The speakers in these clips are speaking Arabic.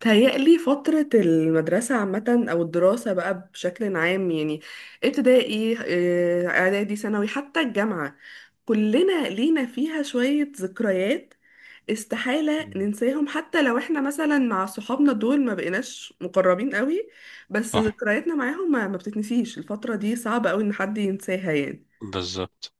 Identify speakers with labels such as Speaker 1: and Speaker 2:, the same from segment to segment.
Speaker 1: تهيألي فترة المدرسة عامة أو الدراسة بقى بشكل عام يعني ابتدائي، إعدادي ثانوي حتى الجامعة. كلنا لينا فيها شوية ذكريات، استحالة
Speaker 2: مم.
Speaker 1: ننساهم حتى لو احنا مثلا مع صحابنا دول ما بقيناش مقربين قوي. بس
Speaker 2: صح.
Speaker 1: ذكرياتنا معاهم ما بتتنسيش، الفترة دي صعب قوي إن حد ينساها يعني.
Speaker 2: بالظبط.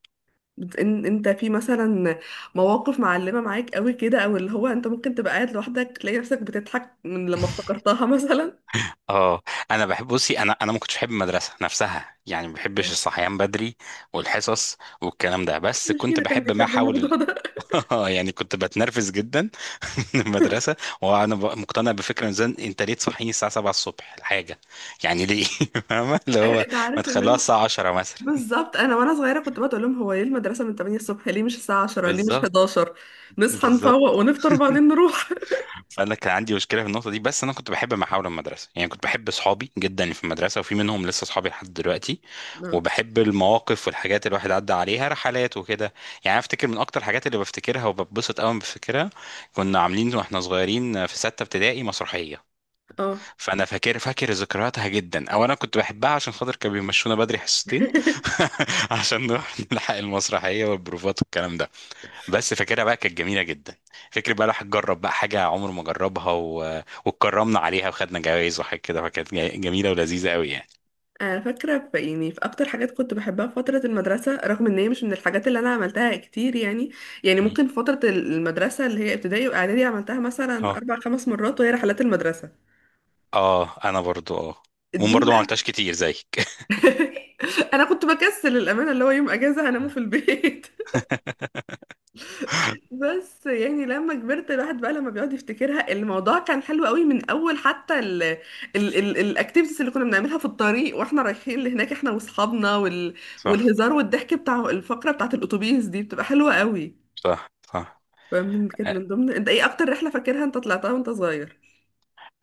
Speaker 1: بت- إن- انت في مثلا مواقف معلمة معاك قوي كده، او اللي هو انت ممكن تبقى قاعد لوحدك تلاقي نفسك بتضحك من لما افتكرتها مثلا.
Speaker 2: اه انا بحب بصي. انا ما كنتش بحب المدرسه نفسها، يعني ما بحبش الصحيان بدري والحصص والكلام ده، بس
Speaker 1: مش
Speaker 2: كنت
Speaker 1: فينا كان
Speaker 2: بحب ما
Speaker 1: بيحب
Speaker 2: حول
Speaker 1: الموضوع ده.
Speaker 2: يعني كنت بتنرفز جدا من المدرسه. وانا مقتنع بفكره ان انت ليه تصحيني الساعه 7 الصبح الحاجه، يعني ليه؟ فاهمه اللي
Speaker 1: أيوة،
Speaker 2: هو
Speaker 1: انت
Speaker 2: ما
Speaker 1: عارف ان
Speaker 2: تخلوها
Speaker 1: انا
Speaker 2: الساعه 10 مثلا.
Speaker 1: بالظبط، انا وانا صغيره كنت بقعد اقول لهم هو ليه المدرسه من 8 الصبح، ليه مش الساعه 10، ليه مش
Speaker 2: بالظبط،
Speaker 1: 11؟ نصحى
Speaker 2: بالظبط.
Speaker 1: نفوق ونفطر وبعدين نروح.
Speaker 2: انا كان عندي مشكله في النقطه دي، بس انا كنت بحب محاور المدرسه، يعني كنت بحب اصحابي جدا اللي في المدرسه، وفي منهم لسه اصحابي لحد دلوقتي.
Speaker 1: اه.
Speaker 2: وبحب المواقف والحاجات اللي الواحد عدى عليها، رحلات وكده. يعني أنا افتكر من اكتر الحاجات اللي بفتكرها وببسط قوي بفتكرها، كنا عاملين واحنا صغيرين في سته ابتدائي مسرحيه.
Speaker 1: اه.
Speaker 2: فانا فاكر فاكر ذكرياتها جدا، او انا كنت بحبها عشان خاطر كانوا بيمشونا بدري حصتين، عشان نروح نلحق المسرحيه والبروفات والكلام ده. بس فاكرها بقى، كانت جميله جدا. فكر بقى الواحد جرب بقى حاجه عمره ما جربها واتكرمنا عليها وخدنا جوائز وحاجات كده، فكانت جميله ولذيذه قوي يعني.
Speaker 1: انا فاكره في اكتر حاجات كنت بحبها في فتره المدرسه، رغم ان هي مش من الحاجات اللي انا عملتها كتير يعني
Speaker 2: مم.
Speaker 1: ممكن في فتره المدرسه اللي هي ابتدائي واعدادي عملتها مثلا
Speaker 2: اه،
Speaker 1: اربع خمس مرات، وهي رحلات المدرسه
Speaker 2: اه، انا برضو اه،
Speaker 1: دي
Speaker 2: وبرضو ما
Speaker 1: بقى.
Speaker 2: عملتهاش كتير زيك.
Speaker 1: انا كنت بكسل الامانه، اللي هو يوم اجازه هنامه في البيت. بس يعني لما كبرت الواحد بقى لما بيقعد يفتكرها الموضوع كان حلو قوي، من اول حتى ال ال ال الاكتيفيتيز اللي كنا بنعملها في الطريق واحنا رايحين لهناك، احنا واصحابنا،
Speaker 2: صح،
Speaker 1: والهزار والضحك بتاع الفقرة بتاعت الاتوبيس دي بتبقى حلوة قوي.
Speaker 2: صح، صح.
Speaker 1: فمن كانت من ضمن، انت ايه اكتر رحلة فاكرها انت طلعتها وانت صغير؟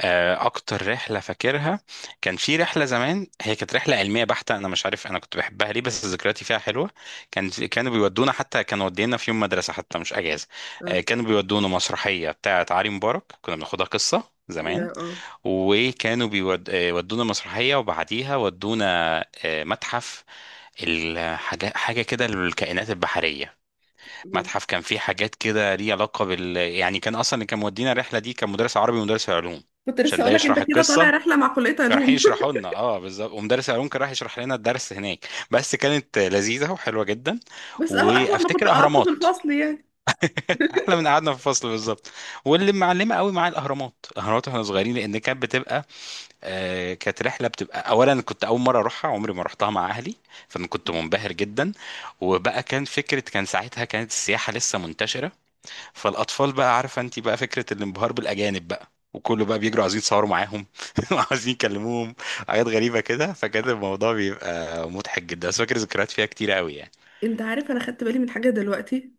Speaker 2: اكتر رحله فاكرها، كان في رحله زمان، هي كانت رحله علميه بحته. انا مش عارف انا كنت بحبها ليه، بس ذكرياتي فيها حلوه. كانوا بيودونا، حتى كانوا ودينا في يوم مدرسه، حتى مش اجازه. آه،
Speaker 1: اه.
Speaker 2: كانوا بيودونا مسرحيه بتاعه علي مبارك، كنا بناخدها قصه زمان،
Speaker 1: يا، اه.
Speaker 2: وكانوا بيودونا مسرحيه وبعديها ودونا، آه، متحف. الحاجه حاجه كده للكائنات البحريه.
Speaker 1: يا.
Speaker 2: متحف كان فيه حاجات كده ليه علاقة بال يعني. كان أصلا اللي كان مودينا الرحلة دي كان مدرس عربي ومدرس علوم،
Speaker 1: كنت لسه
Speaker 2: عشان ده
Speaker 1: اقول لك انت
Speaker 2: يشرح
Speaker 1: كده
Speaker 2: القصة.
Speaker 1: طالع رحلة مع كلية
Speaker 2: كانوا رايحين
Speaker 1: علوم.
Speaker 2: يشرحوا لنا، اه بالظبط، ومدرس العلوم كان راح يشرح لنا الدرس هناك، بس كانت لذيذة وحلوة جدا.
Speaker 1: بس اهو اهون ما كنت
Speaker 2: وافتكر
Speaker 1: قعدت في
Speaker 2: اهرامات.
Speaker 1: الفصل يعني.
Speaker 2: احلى من قعدنا في الفصل، بالظبط. واللي معلمه قوي معايا الاهرامات، الاهرامات، واحنا صغيرين، لان كانت بتبقى كانت رحله، بتبقى اولا كنت اول مره اروحها، عمري ما رحتها مع اهلي، فانا كنت منبهر جدا. وبقى كان فكره، كان ساعتها كانت السياحه لسه منتشره، فالاطفال بقى، عارفه انت بقى فكره الانبهار بالاجانب بقى، وكله بقى بيجروا عايزين يتصوروا معاهم وعايزين يكلموهم، حاجات غريبه كده، فكان الموضوع بيبقى مضحك جدا. بس فاكر ذكريات فيها كتير قوي يعني.
Speaker 1: انت عارف انا خدت بالي من حاجة دلوقتي،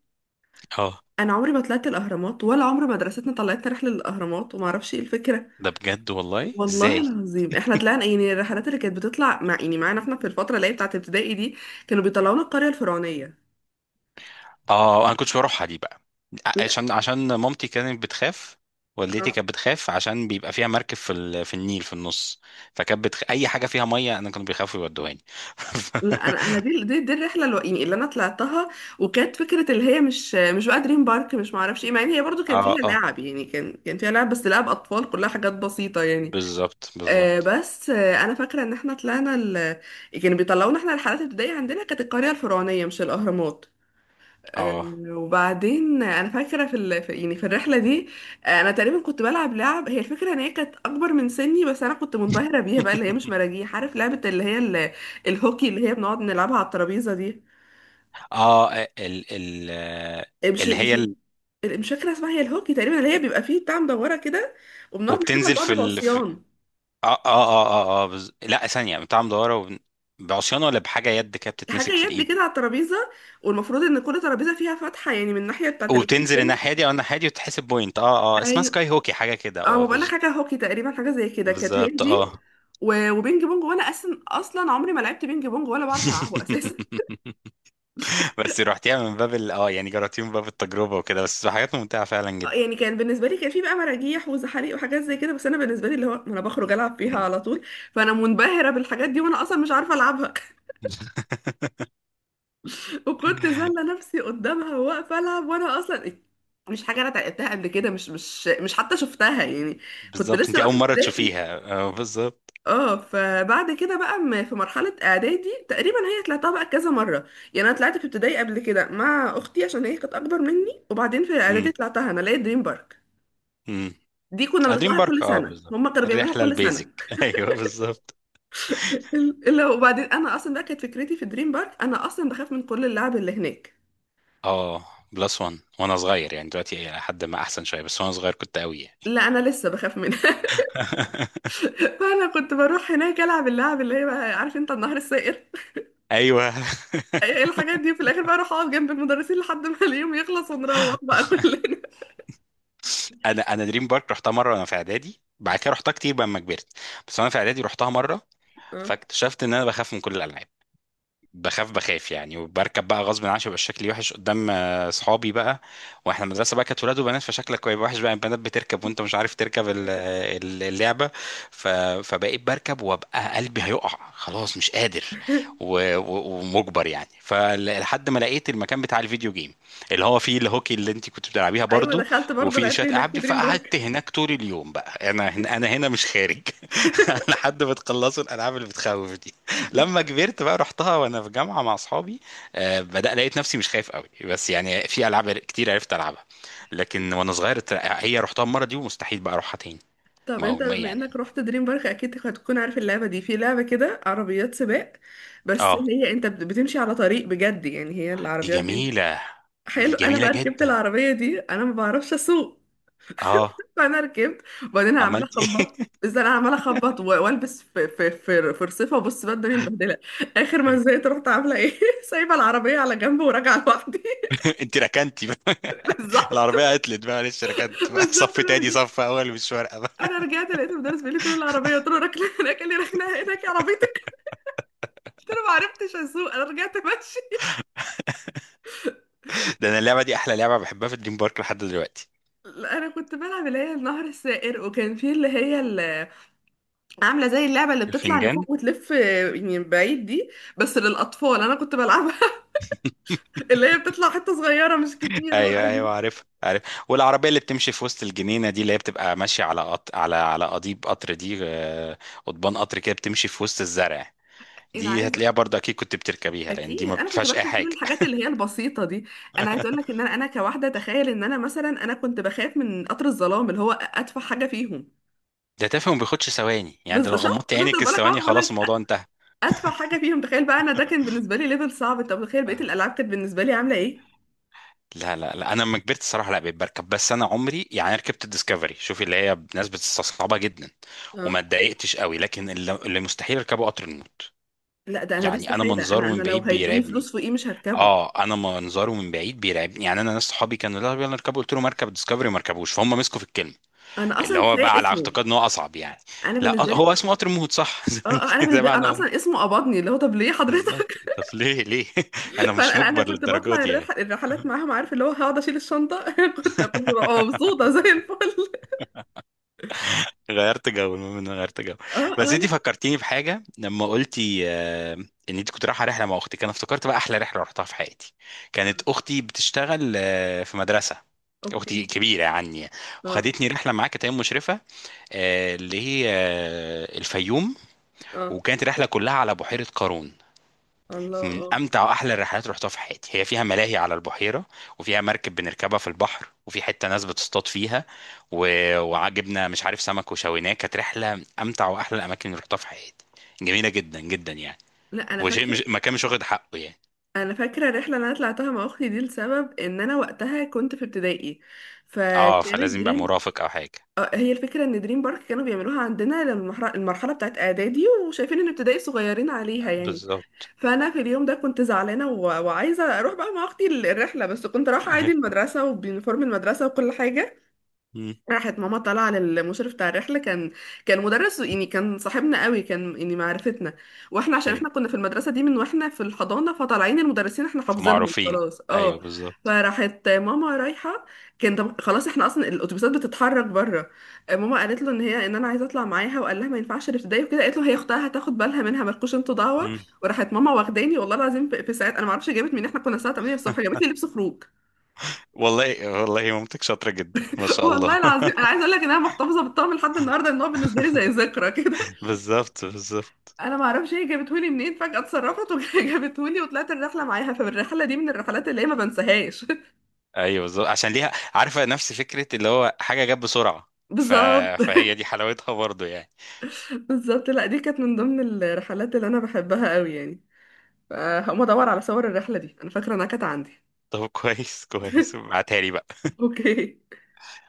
Speaker 2: اه،
Speaker 1: انا عمري ما طلعت الاهرامات ولا عمر مدرستنا طلعتنا رحله للاهرامات، وما اعرفش ايه الفكره.
Speaker 2: ده بجد، والله
Speaker 1: والله
Speaker 2: ازاي؟
Speaker 1: العظيم احنا طلعنا يعني الرحلات اللي كانت بتطلع مع يعني معانا احنا في الفتره اللي هي بتاعه ابتدائي دي، كانوا بيطلعونا القريه الفرعونيه.
Speaker 2: اه انا كنتش بروحها دي بقى،
Speaker 1: لا.
Speaker 2: عشان مامتي كانت بتخاف. والدتي
Speaker 1: آه.
Speaker 2: كانت بتخاف عشان بيبقى فيها مركب في النيل في النص. اي حاجه فيها ميه انا كانوا بيخافوا يودوهاني.
Speaker 1: لا، انا دي الرحله اللي انا طلعتها، وكانت فكره اللي هي مش بقى دريم بارك، مش ما اعرفش ايه، مع ان هي برضو كان فيها
Speaker 2: اه، اه،
Speaker 1: لعب يعني، كان فيها لعب بس لعب اطفال كلها حاجات بسيطه يعني.
Speaker 2: بالظبط،
Speaker 1: آه
Speaker 2: بالظبط،
Speaker 1: بس آه انا فاكره ان احنا طلعنا كانوا بيطلعونا احنا رحلات ابتدائي عندنا كانت القريه الفرعونيه مش الاهرامات.
Speaker 2: اه.
Speaker 1: وبعدين انا فاكره في, ال... في يعني في الرحله دي، انا تقريبا كنت بلعب لعب، هي الفكره ان هي كانت اكبر من سني، بس انا كنت منبهره بيها بقى، اللي هي مش مراجيح، عارف لعبه اللي هي الهوكي، اللي هي بنقعد نلعبها على الترابيزه دي،
Speaker 2: اه، آه، ال
Speaker 1: آه، مش
Speaker 2: اللي هي
Speaker 1: مش مش فاكره اسمها، هي الهوكي تقريبا، اللي هي بيبقى فيه بتاع مدوره كده، وبنقعد نحدفها
Speaker 2: وبتنزل
Speaker 1: لبعض بعصيان،
Speaker 2: اه، اه، اه، اه، لا، ثانية بتاع مدورة بعصيان ولا بحاجة يد كده
Speaker 1: حاجه
Speaker 2: بتتمسك في
Speaker 1: يد
Speaker 2: الإيد،
Speaker 1: كده على الترابيزه، والمفروض ان كل ترابيزه فيها فتحه يعني من الناحيه بتاعت اللعب
Speaker 2: وبتنزل
Speaker 1: التاني.
Speaker 2: الناحية دي أو الناحية دي وتحسب بوينت. اه، اه، اسمها سكاي هوكي حاجة كده.
Speaker 1: اه، ما بقولك حاجه هوكي تقريبا، حاجه زي كده كانت هي
Speaker 2: بالظبط،
Speaker 1: دي.
Speaker 2: اه.
Speaker 1: وبينج بونج، وانا اصلا عمري ما لعبت بينج بونج ولا بعرف العبه اساسا.
Speaker 2: بس رحتيها من باب ال اه يعني جربتيها من باب التجربة وكده، بس حاجات ممتعة فعلا جدا.
Speaker 1: يعني كان بالنسبه لي كان في بقى مراجيح وزحاليق وحاجات زي كده، بس انا بالنسبه لي اللي هو ما انا بخرج العب فيها
Speaker 2: مم.
Speaker 1: على طول، فانا منبهره بالحاجات دي وانا اصلا مش عارفه العبها. وكنت زله نفسي قدامها واقفه العب، وانا اصلا مش حاجه انا اتعلمتها قبل كده، مش حتى شفتها يعني. كنت
Speaker 2: بالظبط،
Speaker 1: لسه
Speaker 2: انت
Speaker 1: بقى
Speaker 2: أول
Speaker 1: في
Speaker 2: مرة
Speaker 1: ابتدائي.
Speaker 2: تشوفيها، اه بالظبط.
Speaker 1: اه. فبعد كده بقى في مرحلة اعدادي تقريبا هي طلعتها بقى كذا مرة، يعني انا طلعت في ابتدائي قبل كده مع اختي عشان هي كانت اكبر مني، وبعدين في اعدادي
Speaker 2: مم.
Speaker 1: طلعتها انا لقيت دريم بارك.
Speaker 2: مم.
Speaker 1: دي كنا
Speaker 2: دريم
Speaker 1: بنطلعها
Speaker 2: بارك،
Speaker 1: كل
Speaker 2: اه
Speaker 1: سنة،
Speaker 2: بالظبط.
Speaker 1: هما كانوا بيعملوها
Speaker 2: الرحله
Speaker 1: كل
Speaker 2: البيزك،
Speaker 1: سنة.
Speaker 2: ايوه بالظبط.
Speaker 1: الا، وبعدين انا اصلا بقى كانت فكرتي في دريم بارك انا اصلا بخاف من كل اللعب اللي هناك.
Speaker 2: اه، بلس وان. وانا صغير يعني دلوقتي إلى حد ما احسن شويه، بس وانا صغير كنت قوي يعني.
Speaker 1: لا، انا لسه بخاف منها. فانا كنت بروح هناك العب اللعب اللي هي بقى، عارف انت النهر السائر
Speaker 2: ايوه.
Speaker 1: ايه الحاجات دي، في الاخر بقى اروح اقعد جنب المدرسين لحد ما اليوم يخلص ونروح بقى كلنا.
Speaker 2: انا دريم بارك رحتها مره وانا في اعدادي، بعد كده رحتها كتير بقى لما كبرت. بس وانا في اعدادي رحتها مره، فاكتشفت ان انا بخاف من كل الالعاب، بخاف بخاف يعني، وبركب بقى غصب عني عشان يبقى شكلي وحش قدام، آه، صحابي بقى. واحنا المدرسه بقى كانت ولاد وبنات، فشكلك هيبقى وحش بقى، البنات بتركب وانت مش عارف تركب اللعبه. ف- فبقيت بركب وابقى قلبي هيقع، خلاص مش قادر،
Speaker 1: اه.
Speaker 2: ومجبر يعني. فلحد ما لقيت المكان بتاع الفيديو جيم، اللي هو فيه الهوكي اللي انت كنت بتلعبيها
Speaker 1: ايوه،
Speaker 2: برضو،
Speaker 1: دخلت برضه
Speaker 2: وفيه
Speaker 1: لعبت
Speaker 2: شويه
Speaker 1: هناك
Speaker 2: العاب
Speaker 1: في
Speaker 2: دي،
Speaker 1: دريم بارك.
Speaker 2: فقعدت هناك طول اليوم بقى. انا هنا مش خارج، لحد ما تخلصوا الالعاب اللي بتخوف. لما كبرت بقى رحتها وانا في جامعه مع اصحابي، آه، بدأ لقيت نفسي مش خايف قوي، بس يعني في العاب كتير عرفت العبها. لكن وانا صغير هي رحتها المره دي، ومستحيل بقى اروحها تاني.
Speaker 1: طب
Speaker 2: ما هو
Speaker 1: انت
Speaker 2: ما
Speaker 1: بما
Speaker 2: يعني.
Speaker 1: انك رحت دريم بارك اكيد هتكون عارف اللعبه دي، في لعبه كده عربيات سباق، بس
Speaker 2: اه،
Speaker 1: هي انت بتمشي على طريق بجد يعني، هي
Speaker 2: دي
Speaker 1: العربيات دي
Speaker 2: جميله. دي
Speaker 1: حلو. انا
Speaker 2: جميله
Speaker 1: بقى ركبت
Speaker 2: جدا.
Speaker 1: العربيه دي، انا ما بعرفش اسوق،
Speaker 2: اه،
Speaker 1: فانا ركبت وبعدين عماله
Speaker 2: عملت
Speaker 1: اخبط،
Speaker 2: ايه؟
Speaker 1: ازاي انا عماله اخبط والبس في فرصفه، وبص بقى الدنيا متبهدله. اخر ما زهقت رحت عامله ايه سايبه العربيه على جنب وراجعه لوحدي.
Speaker 2: انت ركنتي بقى؟
Speaker 1: بالظبط.
Speaker 2: العربيه عطلت بقى، معلش ركنت بقى،
Speaker 1: بالظبط.
Speaker 2: صف تاني
Speaker 1: انا
Speaker 2: صف اول مش فارقه بقى.
Speaker 1: انا رجعت لقيت المدرس بيقول لي فين العربيه، قلت له راكله هناك، قال لي ركنها هناك يا عربيتك، قلت له ما عرفتش اسوق انا رجعت ماشي.
Speaker 2: ده انا اللعبه دي احلى لعبه بحبها في دريم بارك لحد دلوقتي.
Speaker 1: لا، انا كنت بلعب اللي هي النهر السائر، وكان في اللي عامله زي اللعبه اللي بتطلع
Speaker 2: الفنجان.
Speaker 1: لفوق وتلف، يعني بعيد دي، بس للاطفال انا كنت بلعبها. اللي هي بتطلع حته صغيره مش كتير
Speaker 2: ايوه،
Speaker 1: بقى
Speaker 2: ايوه،
Speaker 1: دي.
Speaker 2: عارف، عارف. والعربيه اللي بتمشي في وسط الجنينه دي، اللي هي بتبقى ماشيه على على قضيب قطر دي، آه، قضبان قطر كده بتمشي في وسط الزرع.
Speaker 1: انا
Speaker 2: دي
Speaker 1: عايزه
Speaker 2: هتلاقيها برضه اكيد كنت بتركبيها، لان دي
Speaker 1: اكيد
Speaker 2: ما
Speaker 1: انا كنت
Speaker 2: بتدفعش اي
Speaker 1: بركب كل
Speaker 2: حاجه.
Speaker 1: الحاجات اللي هي البسيطه دي. انا عايزه اقول لك ان انا كواحده، تخيل ان انا كنت بخاف من قطر الظلام اللي هو اتفه حاجه فيهم.
Speaker 2: ده تافه وما بياخدش ثواني يعني،
Speaker 1: بس
Speaker 2: ده لو
Speaker 1: شفت
Speaker 2: غمضت
Speaker 1: شفت انا
Speaker 2: عينك
Speaker 1: بقول لك اه
Speaker 2: الثواني
Speaker 1: بقول لك
Speaker 2: خلاص الموضوع انتهى.
Speaker 1: ادفع حاجه فيهم، تخيل بقى انا ده كان بالنسبه لي ليفل صعب، طب تخيل بقيه
Speaker 2: آه.
Speaker 1: الالعاب كانت بالنسبه لي عامله ايه.
Speaker 2: لا، لا، لا، انا لما كبرت الصراحه لا بقيت بركب، بس انا عمري يعني أنا ركبت الديسكفري، شوفي، اللي هي ناس بتستصعبها جدا
Speaker 1: اه.
Speaker 2: وما اتضايقتش قوي، لكن اللي مستحيل اركبه قطر النوم.
Speaker 1: لا، ده انا ده
Speaker 2: يعني انا
Speaker 1: استحاله، انا
Speaker 2: منظره
Speaker 1: انا
Speaker 2: من
Speaker 1: لو
Speaker 2: بعيد
Speaker 1: هيدوني
Speaker 2: بيرعبني.
Speaker 1: فلوس فوقيه مش هركبه.
Speaker 2: اه انا منظره من بعيد بيرعبني يعني. انا ناس صحابي كانوا لا يلا نركبه، قلت له مركب ديسكفري ما ركبوش، فهم مسكوا في الكلمه
Speaker 1: انا
Speaker 2: اللي
Speaker 1: اصلا
Speaker 2: هو بقى
Speaker 1: كفايه
Speaker 2: على
Speaker 1: اسمه.
Speaker 2: اعتقاد ان هو اصعب يعني.
Speaker 1: انا
Speaker 2: لا،
Speaker 1: بالنسبه لي.
Speaker 2: هو اسمه قطر الموت، صح، زي ما
Speaker 1: اه انا
Speaker 2: انت زي
Speaker 1: بالنسبه لي
Speaker 2: ما انا
Speaker 1: انا
Speaker 2: قلت.
Speaker 1: اصلا اسمه قبضني، اللي هو طب ليه حضرتك.
Speaker 2: بالظبط، طب ليه؟ ليه؟ انا
Speaker 1: فانا
Speaker 2: مش
Speaker 1: انا أنا
Speaker 2: مجبر
Speaker 1: كنت
Speaker 2: للدرجه
Speaker 1: بطلع
Speaker 2: دي
Speaker 1: الرح...
Speaker 2: يعني.
Speaker 1: الرحلات معاهم، عارف اللي هو هقعد اشيل الشنطه كنت ببقى مبسوطه زي الفل.
Speaker 2: غيرت جو، المهم ان أنا غيرت جو.
Speaker 1: اه.
Speaker 2: بس
Speaker 1: اه.
Speaker 2: انت
Speaker 1: لا.
Speaker 2: فكرتيني بحاجه لما قلتي، ان انت كنت رايحه رحله مع اختك، انا افتكرت بقى احلى رحله رحتها في حياتي. كانت اختي بتشتغل في مدرسه. اختي
Speaker 1: اوكي.
Speaker 2: كبيره عني،
Speaker 1: اه.
Speaker 2: وخدتني رحله معاها كانت هي مشرفه اللي هي الفيوم.
Speaker 1: اه.
Speaker 2: وكانت رحله كلها على بحيره قارون،
Speaker 1: الله.
Speaker 2: من
Speaker 1: اه.
Speaker 2: امتع واحلى الرحلات اللي رحتها في حياتي. هي فيها ملاهي على البحيره، وفيها مركب بنركبها في البحر، وفي حته ناس بتصطاد فيها، و... وعجبنا مش عارف سمك وشويناه. كانت رحله من امتع واحلى الاماكن اللي رحتها في حياتي، جميله جدا جدا يعني.
Speaker 1: لا، انا
Speaker 2: وشيء،
Speaker 1: فاكره
Speaker 2: مش مكان مش واخد حقه يعني.
Speaker 1: انا فاكره الرحله اللي انا طلعتها مع اختي دي لسبب ان انا وقتها كنت في ابتدائي،
Speaker 2: اه،
Speaker 1: فكانت
Speaker 2: فلازم يبقى
Speaker 1: دريم
Speaker 2: مرافق او حاجه.
Speaker 1: آه، هي الفكره ان دريم بارك كانوا بيعملوها عندنا لما المرحله بتاعت اعدادي، وشايفين ان ابتدائي صغيرين عليها يعني.
Speaker 2: بالظبط.
Speaker 1: فانا في اليوم ده كنت زعلانه و... وعايزه اروح بقى مع اختي الرحله، بس كنت رايحه عادي المدرسه وبيونيفورم المدرسه وكل حاجه.
Speaker 2: مم.
Speaker 1: راحت ماما طالعه للمشرف بتاع الرحله، كان مدرس يعني، كان صاحبنا قوي كان يعني معرفتنا، واحنا عشان
Speaker 2: ايوه،
Speaker 1: احنا كنا في المدرسه دي من واحنا في الحضانه، فطالعين المدرسين احنا حافظينهم
Speaker 2: فمعروفين.
Speaker 1: خلاص.
Speaker 2: ايوه
Speaker 1: اه.
Speaker 2: بالظبط.
Speaker 1: فراحت ماما رايحه، خلاص احنا اصلا الاتوبيسات بتتحرك بره. ماما قالت له ان انا عايزه اطلع معاها، وقال لها ما ينفعش الابتدائي وكده، قالت له هي اختها هتاخد بالها منها، مالكوش انتوا دعوه.
Speaker 2: مم.
Speaker 1: وراحت ماما واخداني، والله العظيم في ساعات، انا ما اعرفش جابت منين، احنا كنا الساعه 8 الصبح جابت لي لبس خروج.
Speaker 2: والله، والله، مامتك شاطرة جدا، ما شاء الله.
Speaker 1: والله العظيم انا عايزه اقول لك ان انا محتفظه بالطقم لحد النهارده، ان هو بالنسبه لي زي ذكرى كده.
Speaker 2: بالظبط، بالظبط.
Speaker 1: انا ما اعرفش هي جابته لي منين، فجاه اتصرفت وجابته لي. وطلعت الرحله معاها، فالرحله دي من الرحلات اللي هي ما بنساهاش.
Speaker 2: ايوه بالظبط، عشان ليها عارفة نفس فكرة اللي هو حاجة جت بسرعة. ف...
Speaker 1: بالظبط.
Speaker 2: فهي دي حلاوتها برضه يعني.
Speaker 1: بالظبط. لا، دي كانت من ضمن الرحلات اللي انا بحبها قوي يعني. فهقوم ادور على صور الرحله دي، انا فاكره انها كانت عندي.
Speaker 2: طب، كويس، كويس، ابعتها لي بقى.
Speaker 1: اوكي.